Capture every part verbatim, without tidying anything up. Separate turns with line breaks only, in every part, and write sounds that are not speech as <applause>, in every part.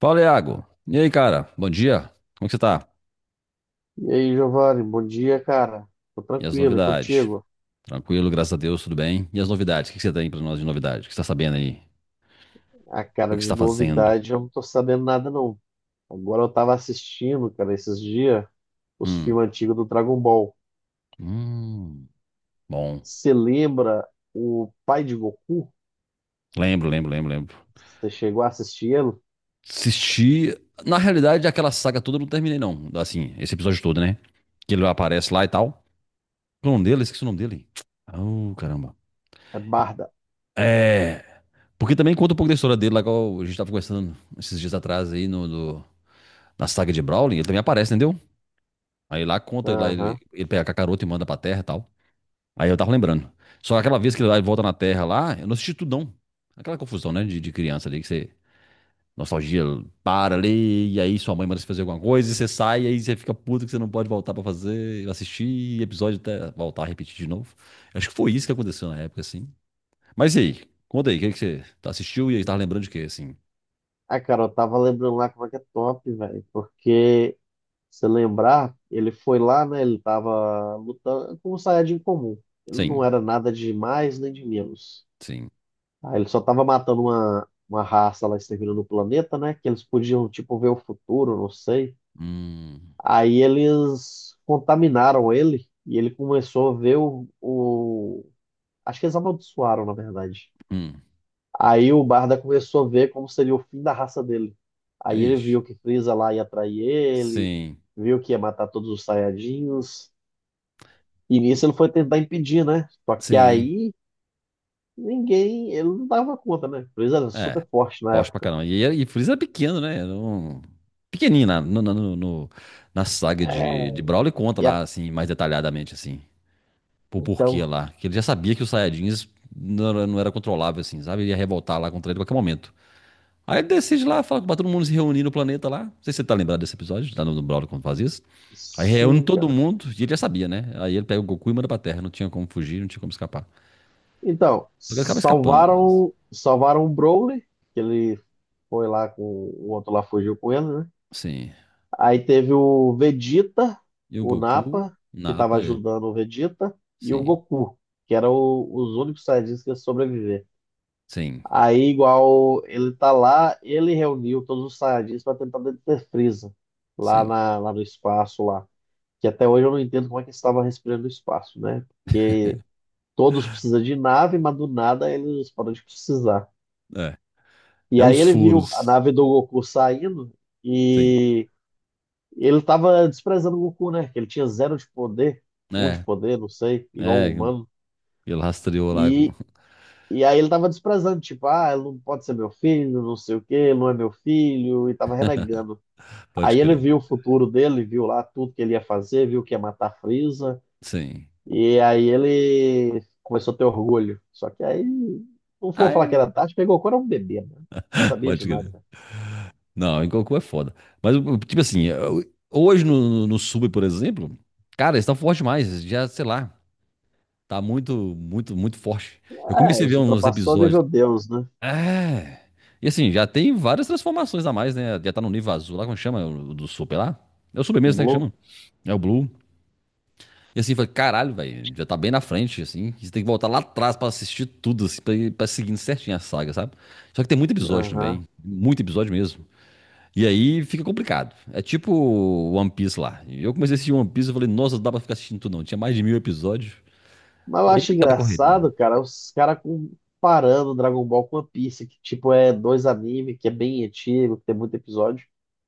Fala, Iago. E aí, cara? Bom dia. Como é que você tá?
E aí, Giovanni, bom dia, cara. Tô
E as
tranquilo, e
novidades?
contigo?
Tranquilo, graças a Deus, tudo bem. E as novidades? O que que você tem pra nós de novidade? O que você tá sabendo aí?
A
O que
cara
que você
de
tá fazendo?
novidade, eu não tô sabendo nada, não. Agora eu tava assistindo, cara, esses dias, os
Hum.
filmes antigos do Dragon Ball.
Hum. Bom.
Você lembra o pai de Goku?
Lembro, lembro, lembro, lembro.
Você chegou a assistir ele?
Assisti. Na realidade, aquela saga toda eu não terminei, não. Assim, esse episódio todo, né? Que ele aparece lá e tal. O nome dele? Esqueci o nome dele. Oh, caramba.
É Barda.
É. Porque também conta um pouco da história dele, lá que a gente tava conversando esses dias atrás aí no, no- na saga de Brawling. Ele também aparece, entendeu? Aí lá conta, lá ele,
Aham.
ele pega a cacaroto e manda pra terra e tal. Aí eu tava lembrando. Só que aquela vez que ele vai e volta na terra lá, eu não assisti tudo não. Aquela confusão, né, de, de criança ali, que você. Nostalgia para ali, e aí sua mãe manda você fazer alguma coisa, e você sai, e aí você fica puto que você não pode voltar pra fazer, assistir episódio até voltar a repetir de novo. Acho que foi isso que aconteceu na época, assim. Mas e aí? Conta aí, o que que você tá- assistiu e aí tá lembrando de quê, assim?
Ah, cara, eu tava lembrando lá como é que é top, velho. Porque, se lembrar, ele foi lá, né? Ele tava lutando com um Saiyajin comum. Ele não
Sim,
era nada de mais nem de menos.
sim.
Ah, ele só tava matando uma, uma raça lá exterminando no planeta, né? Que eles podiam, tipo, ver o futuro, não sei.
Hum,
Aí eles contaminaram ele e ele começou a ver o, o... Acho que eles amaldiçoaram, na verdade.
hum.
Aí o Barda começou a ver como seria o fim da raça dele. Aí ele
Ixi.
viu que Frieza lá ia trair ele,
Sim,
viu que ia matar todos os Saiyajins. E nisso ele foi tentar impedir, né? Só que
sim.
aí ninguém, ele não dava conta, né? Frieza era
É,
super forte na
forte pra
época.
caramba. E, e Freeza é pequeno, né? Era um- Pequenininho na, no- no- no- no- na saga
É.
de, de Brawler conta
e a
lá, assim, mais detalhadamente, assim, por porquê
Então,
lá. Que ele já sabia que os Saiyajins não era, não era controlável, assim, sabe? Ele ia revoltar lá contra ele a qualquer momento. Aí ele decide lá, fala pra todo mundo se reunir no planeta lá. Não sei se você tá lembrado desse episódio, lá no, no Brawler quando faz isso. Aí reúne
sim,
todo
cara.
mundo e ele já sabia, né? Aí ele pega o Goku e manda pra Terra. Não tinha como fugir, não tinha como escapar. Só
Então,
que ele acaba escapando, no caso.
salvaram, salvaram o Broly, que ele foi lá com o outro lá fugiu com ele, né?
Sim.
Aí teve o Vegeta,
E o
o
Goku,
Nappa, que estava
Nappa, é.
ajudando o Vegeta, e o
Sim.
Goku, que eram o- os únicos Saiyajins que iam sobreviver.
Sim,
Aí, igual ele tá lá, ele reuniu todos os Saiyajins para tentar deter Freeza lá,
sim.
na, lá no espaço lá. Que até hoje eu não entendo como é que ele estava respirando no espaço, né? Todos precisam de nave, mas do nada eles param de precisar.
É,
E
é
aí
os
ele viu a
furos.
nave do Goku saindo
Sim.
e ele tava desprezando o Goku, né? Que ele tinha zero de poder, um de
É,
poder, não sei, igual
é,
um humano.
ele rastreou lá com...
E,
<laughs>
e aí ele tava desprezando, tipo, ah, ele não pode ser meu filho, não sei o quê, ele não é meu filho, e tava renegando.
Pode
Aí ele
crer.
viu o futuro dele, viu lá tudo que ele ia fazer, viu que ia matar a Frieza.
Sim.
E aí ele começou a ter orgulho. Só que aí, não for falar que era
Ai,
tarde, pegou quando era um bebê, né? Não sabia
pode
de
crer.
nada.
Não, em Goku é foda. Mas, tipo assim, eu- hoje no, no sub, por exemplo, cara, eles estão forte demais. Já, sei lá, tá muito, muito, muito forte. Eu
É,
comecei a
os
ver uns
ultrapassou o
episódios.
nível Deus, né?
É. E assim, já tem várias transformações a mais, né? Já tá no nível azul lá, como chama? O do super lá? É o super mesmo, né, que
Blue.
chama? É o Blue. E assim, eu falei, caralho, velho, já tá bem na frente, assim. Você tem que voltar lá atrás pra assistir tudo, assim, pra, ir- pra seguindo certinho a saga, sabe? Só que tem muito episódio
Aham.
também. Muito episódio mesmo. E aí fica complicado. É tipo One Piece lá. E eu comecei a assistir One Piece e falei, nossa, não dá pra ficar assistindo tudo não. Tinha mais de mil episódios.
Mas eu
E aí
acho
aquela correria.
engraçado, cara, os caras comparando Dragon Ball com One Piece, que tipo é dois anime, que é bem antigo, que tem muito episódio.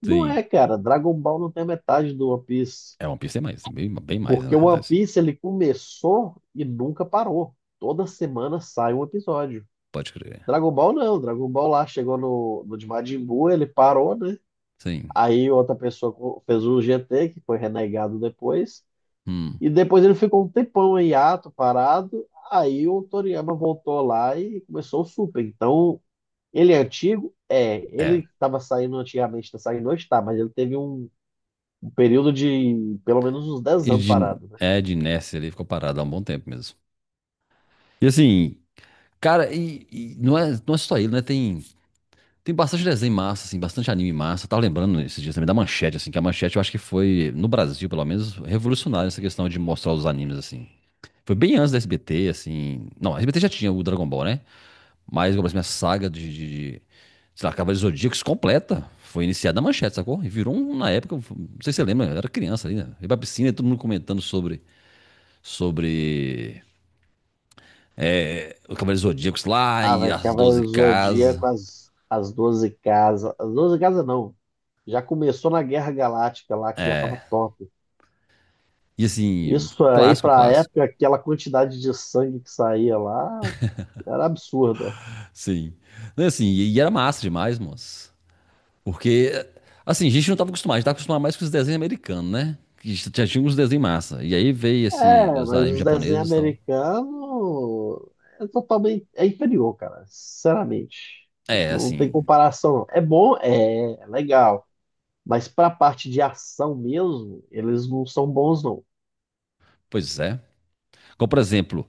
Não
Sim.
é, cara. Dragon Ball não tem a metade do One Piece.
É, One Piece tem mais, tem bem, bem mais, né, na
Porque o One
realidade.
Piece ele começou e nunca parou. Toda semana sai um episódio.
Pode crer.
Dragon Ball não, Dragon Ball lá chegou no, no de Majin Buu, ele parou, né?
Sim.
Aí outra pessoa co- fez o G T, que foi renegado depois.
Hum.
E depois ele ficou um tempão em hiato, parado. Aí o Toriyama voltou lá e começou o Super. Então, ele é antigo? É.
É.
Ele estava saindo antigamente, tá saindo hoje, tá. Mas ele teve um, um, período de pelo menos uns dez
E
anos
de,
parado, né?
é, de Ness ele ficou parado há um bom tempo mesmo. E assim, cara, e, e não é, não é só ele, né? Tem. Tem bastante desenho massa, assim, bastante anime massa. Eu tava lembrando esses dias também da Manchete, assim, que a Manchete eu acho que foi, no Brasil, pelo menos, revolucionária essa questão de mostrar os animes, assim. Foi bem antes da S B T, assim. Não, a S B T já tinha o Dragon Ball, né? Mas, como assim, a saga de, de, de, sei lá, Cavaleiros Zodíacos completa foi iniciada na Manchete, sacou? E virou, um, na época, não sei se você lembra, eu era criança ali, né? Eu ia pra piscina e todo mundo comentando sobre, sobre os Cavaleiros Zodíacos lá
Ah,
e
velho,
as
Cavaleiro
doze
do
casas.
Zodíaco, as, as doze casas. As doze casas não, já começou na Guerra Galáctica lá, que já tava top.
E, assim,
Isso aí,
clássico,
pra
clássico.
época, aquela quantidade de sangue que saía lá era absurda.
Sim. Não, assim, e e era massa demais, moço. Porque, assim, a gente não tava acostumado, a gente tava acostumado mais com os desenhos americanos, né? Que já já tinha uns desenhos massa. E aí veio, assim,
É,
os
mas
animes
os desenhos
japoneses e tal.
americanos é totalmente é inferior, cara. Sinceramente,
É,
não tem
assim,
comparação, não. É bom, é, é legal, mas pra parte de ação mesmo, eles não são bons, não.
pois é. Como, por exemplo,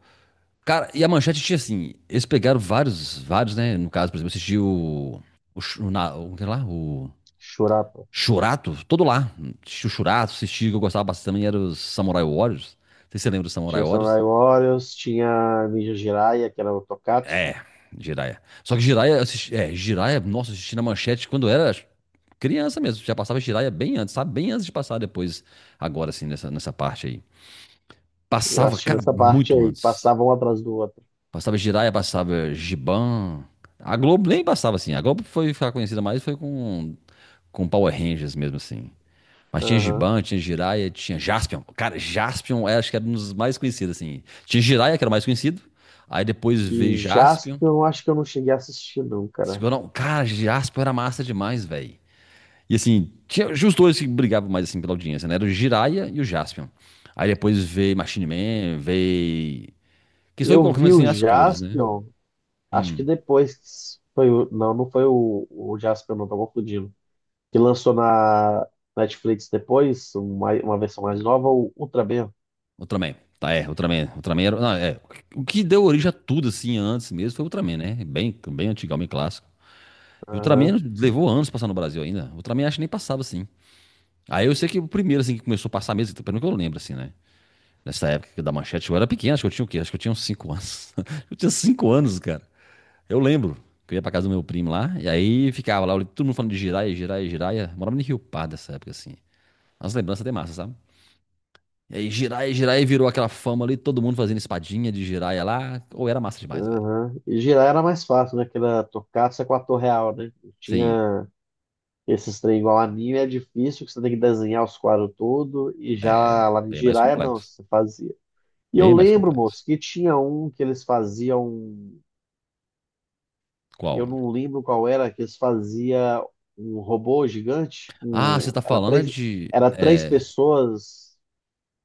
cara, e a Manchete tinha, assim, eles pegaram vários, vários, né? No caso, por exemplo, assistiu o, o, Sh- o, na- o, que lá, o
Shurata.
Shurato, todo lá. Assisti o Shurato, assisti, o que eu gostava bastante também, era os Samurai Warriors. Não sei se você lembra dos Samurai
Tinha
Warriors.
Samurai Warriors, tinha Ninja Jiraiya, que era o Tokatsu.
É, Jiraya. Só que Jiraya, eu assisti, é, Jiraya, nossa, eu assisti na manchete quando era criança mesmo. Já passava Jiraya bem antes, sabe? Bem antes de passar depois, agora assim, nessa, nessa parte aí.
Eu
Passava,
assisti
cara,
nessa parte
muito
aí, que
antes.
passava um atrás do outro.
Passava Jiraya, passava Giban. A Globo nem passava assim. A Globo foi ficar conhecida mais foi com, com Power Rangers mesmo assim. Mas tinha
Aham.
Giban, tinha Jiraya, tinha Jaspion. Cara, Jaspion era, acho que era um dos mais conhecidos assim. Tinha Jiraya, que era o mais conhecido. Aí depois veio
E
Jaspion.
Jaspion, acho que eu não cheguei a assistir, não,
Se
cara.
Eu não- Cara, Jasper era massa demais, velho. E assim, tinha tinha os dois que brigavam mais assim pela audiência, né? Era o Jiraiya e o Jaspion. Aí depois veio Machine Man, veio. Que estou
Eu
colocando
vi
assim
o
as cores, né?
Jaspion, acho
Hum,
que depois foi o. Não, não foi o, o Jaspion, não, tô confundindo. Que lançou na Netflix depois, uma, uma versão mais nova, o Ultra Ultraman.
Ultraman. Tá, é, Ultraman. Ultraman era. Não, é. O que deu origem a tudo assim antes mesmo foi o Ultraman, né? Bem, bem antigão, bem clássico. E o Ultraman
Aham,
levou anos pra passar no Brasil ainda. O Ultraman acho que nem passava assim. Aí eu sei que o primeiro assim que começou a passar mesmo, pelo menos que eu lembro assim, né? Nessa época da manchete, eu era pequeno, acho que eu tinha o quê? Acho que eu tinha uns cinco anos. <laughs> Eu tinha cinco anos, cara. Eu lembro que eu ia pra casa do meu primo lá, e aí ficava lá, todo mundo falando de giraia, giraia, giraia. Eu morava em Rio Pardo nessa época, assim. As lembranças até massa, sabe? E aí giraia, giraia virou aquela fama ali, todo mundo fazendo espadinha de giraia lá. Ou era massa demais, velho.
aham. E girar era mais fácil, né? Que era Tokusatsu é com a ator real, né?
Sim,
Tinha esses trem igual anime, é difícil, que você tem que desenhar os quadros tudo, e já lá em
bem mais
Jiraiya, não,
complexo.
você faz. E eu
Bem mais
lembro, moço,
complexo.
que tinha um que eles faziam. Eu
Qual?
não lembro qual era, que eles faziam um robô gigante.
Ah, você
Um,
tá
era
falando é
três,
de.
era três
É.
pessoas.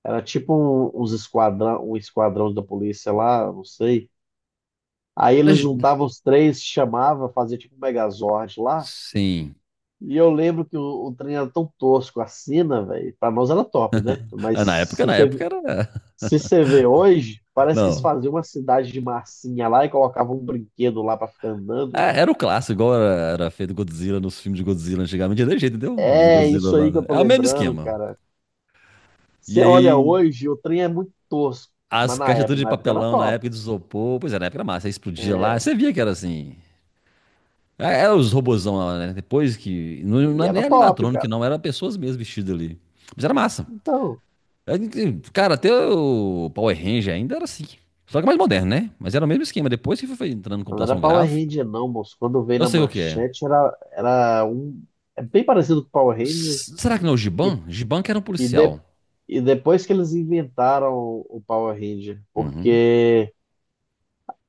Era tipo um, uns esquadrão, um esquadrão da polícia lá, não sei. Aí eles
mas-
juntavam os três, chamava, fazia tipo um Megazord lá.
Sim.
E eu lembro que o, o trem era tão tosco, a cena, velho. Pra nós era top, né? Mas
Ah, Na época,
se
na época
você
era.
Se você vê hoje,
<laughs>
parece que eles
Não.
faziam uma cidade de massinha lá e colocavam um brinquedo lá pra ficar andando.
É, era, o clássico, igual era, era feito Godzilla nos filmes de Godzilla antigamente. Era desse jeito, entendeu? Os
É
Godzilla
isso aí que
lá.
eu tô
É o mesmo
lembrando,
esquema.
cara.
E
Você olha
aí,
hoje, o trem é muito tosco,
as
mas na
caixas tudo
época,
de
na época era
papelão na
top.
época de isopor. Pois é, na época era massa. Aí explodia
É,
lá. Você via que era assim. É, era os robozão lá, né? Depois que. Não, não
e
era nem
era top,
animatrônico,
cara.
não. Era pessoas mesmo vestidas ali. Mas era massa.
Então,
É, e, cara, até o Power Ranger ainda era assim. Só que mais moderno, né? Mas era o mesmo esquema. Depois que foi entrando em
não era
computação
Power
gráfica,
Ranger não, moço. Quando veio
eu
na
sei o que é.
manchete era, era um... É bem parecido com o Power Ranger
S- Será que não é o
e,
Giban? Giban que era um
e, de-
policial.
e depois que eles inventaram o Power Ranger,
Uhum.
porque...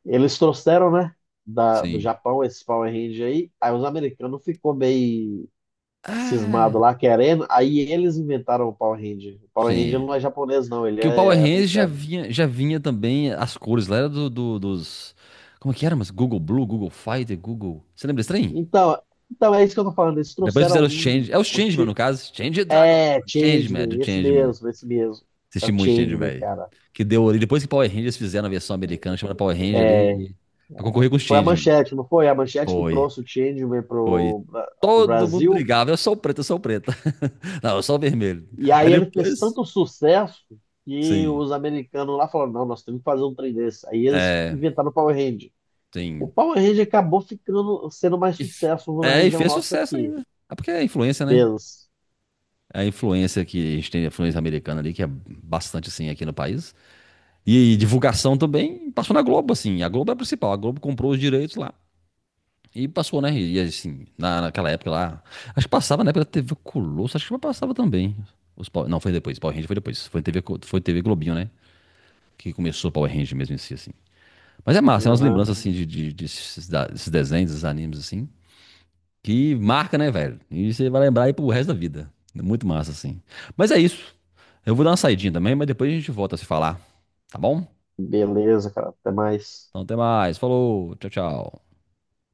Eles trouxeram, né, da, do
Sim.
Japão esse Power Ranger aí, aí os americanos ficou meio cismado
Ah,
lá querendo, aí eles inventaram o Power Ranger. O Power
sim.
Ranger
É.
não é japonês não, ele
Porque o Power
é
Rangers já
americano.
vinha, já vinha também as cores lá, era do, do- dos. Como é que era? Mas Google Blue, Google Fighter, Google. Você lembra desse trem?
Então, então é isso que eu tô falando, eles
Depois
trouxeram
fizeram os
um,
Change. É os
um
Changeman, no
ti-
caso. Change Dragon.
é,
Changeman, é
Changeman,
do
esse
Changeman.
mesmo, esse mesmo. É
Assisti
o
muito Changeman,
Changeman,
velho.
cara.
Que deu ali. Depois que Power Rangers fizeram a versão americana, chamaram Power Ranger
É,
ali. Pra concorrer com os
foi a
Changeman.
Manchete, não foi? A Manchete que
Foi,
trouxe o Changeman
foi.
pro, Bra- pro
Todo mundo
Brasil.
brigava. Eu sou o preto, eu sou o preto. <laughs> Não, eu sou o vermelho.
E
Aí
aí ele fez
depois.
tanto sucesso que
Sim,
os americanos lá falaram, não, nós temos que fazer um trem desse. Aí eles inventaram o Power Ranger. O
sim.
Power Ranger acabou ficando, sendo mais
E f-
sucesso na
É, e
região
fez
nossa
sucesso
aqui.
ainda. É porque é influência, né?
Beleza.
É a influência que a gente tem, a influência americana ali, que é bastante assim aqui no país. E, divulgação também passou na Globo, assim. A Globo é a principal. A Globo comprou os direitos lá. E passou, né? E assim, na, naquela época lá. Acho que passava na época da T V Colosso, acho que passava também. Os Power- não, foi depois. Power Ranger foi depois. Foi T V, Co- foi T V Globinho, né? Que começou o Power Ranger mesmo em si, assim. Mas é massa, é umas
Aham.
lembranças assim de, de- de esses da- desses desenhos, desses animes, assim. Que marca, né, velho? E você vai lembrar aí pro resto da vida. É muito massa, assim. Mas é isso. Eu vou dar uma saidinha também, mas depois a gente volta a se falar, tá bom?
Beleza, cara. Até mais.
Então até mais. Falou. Tchau, tchau.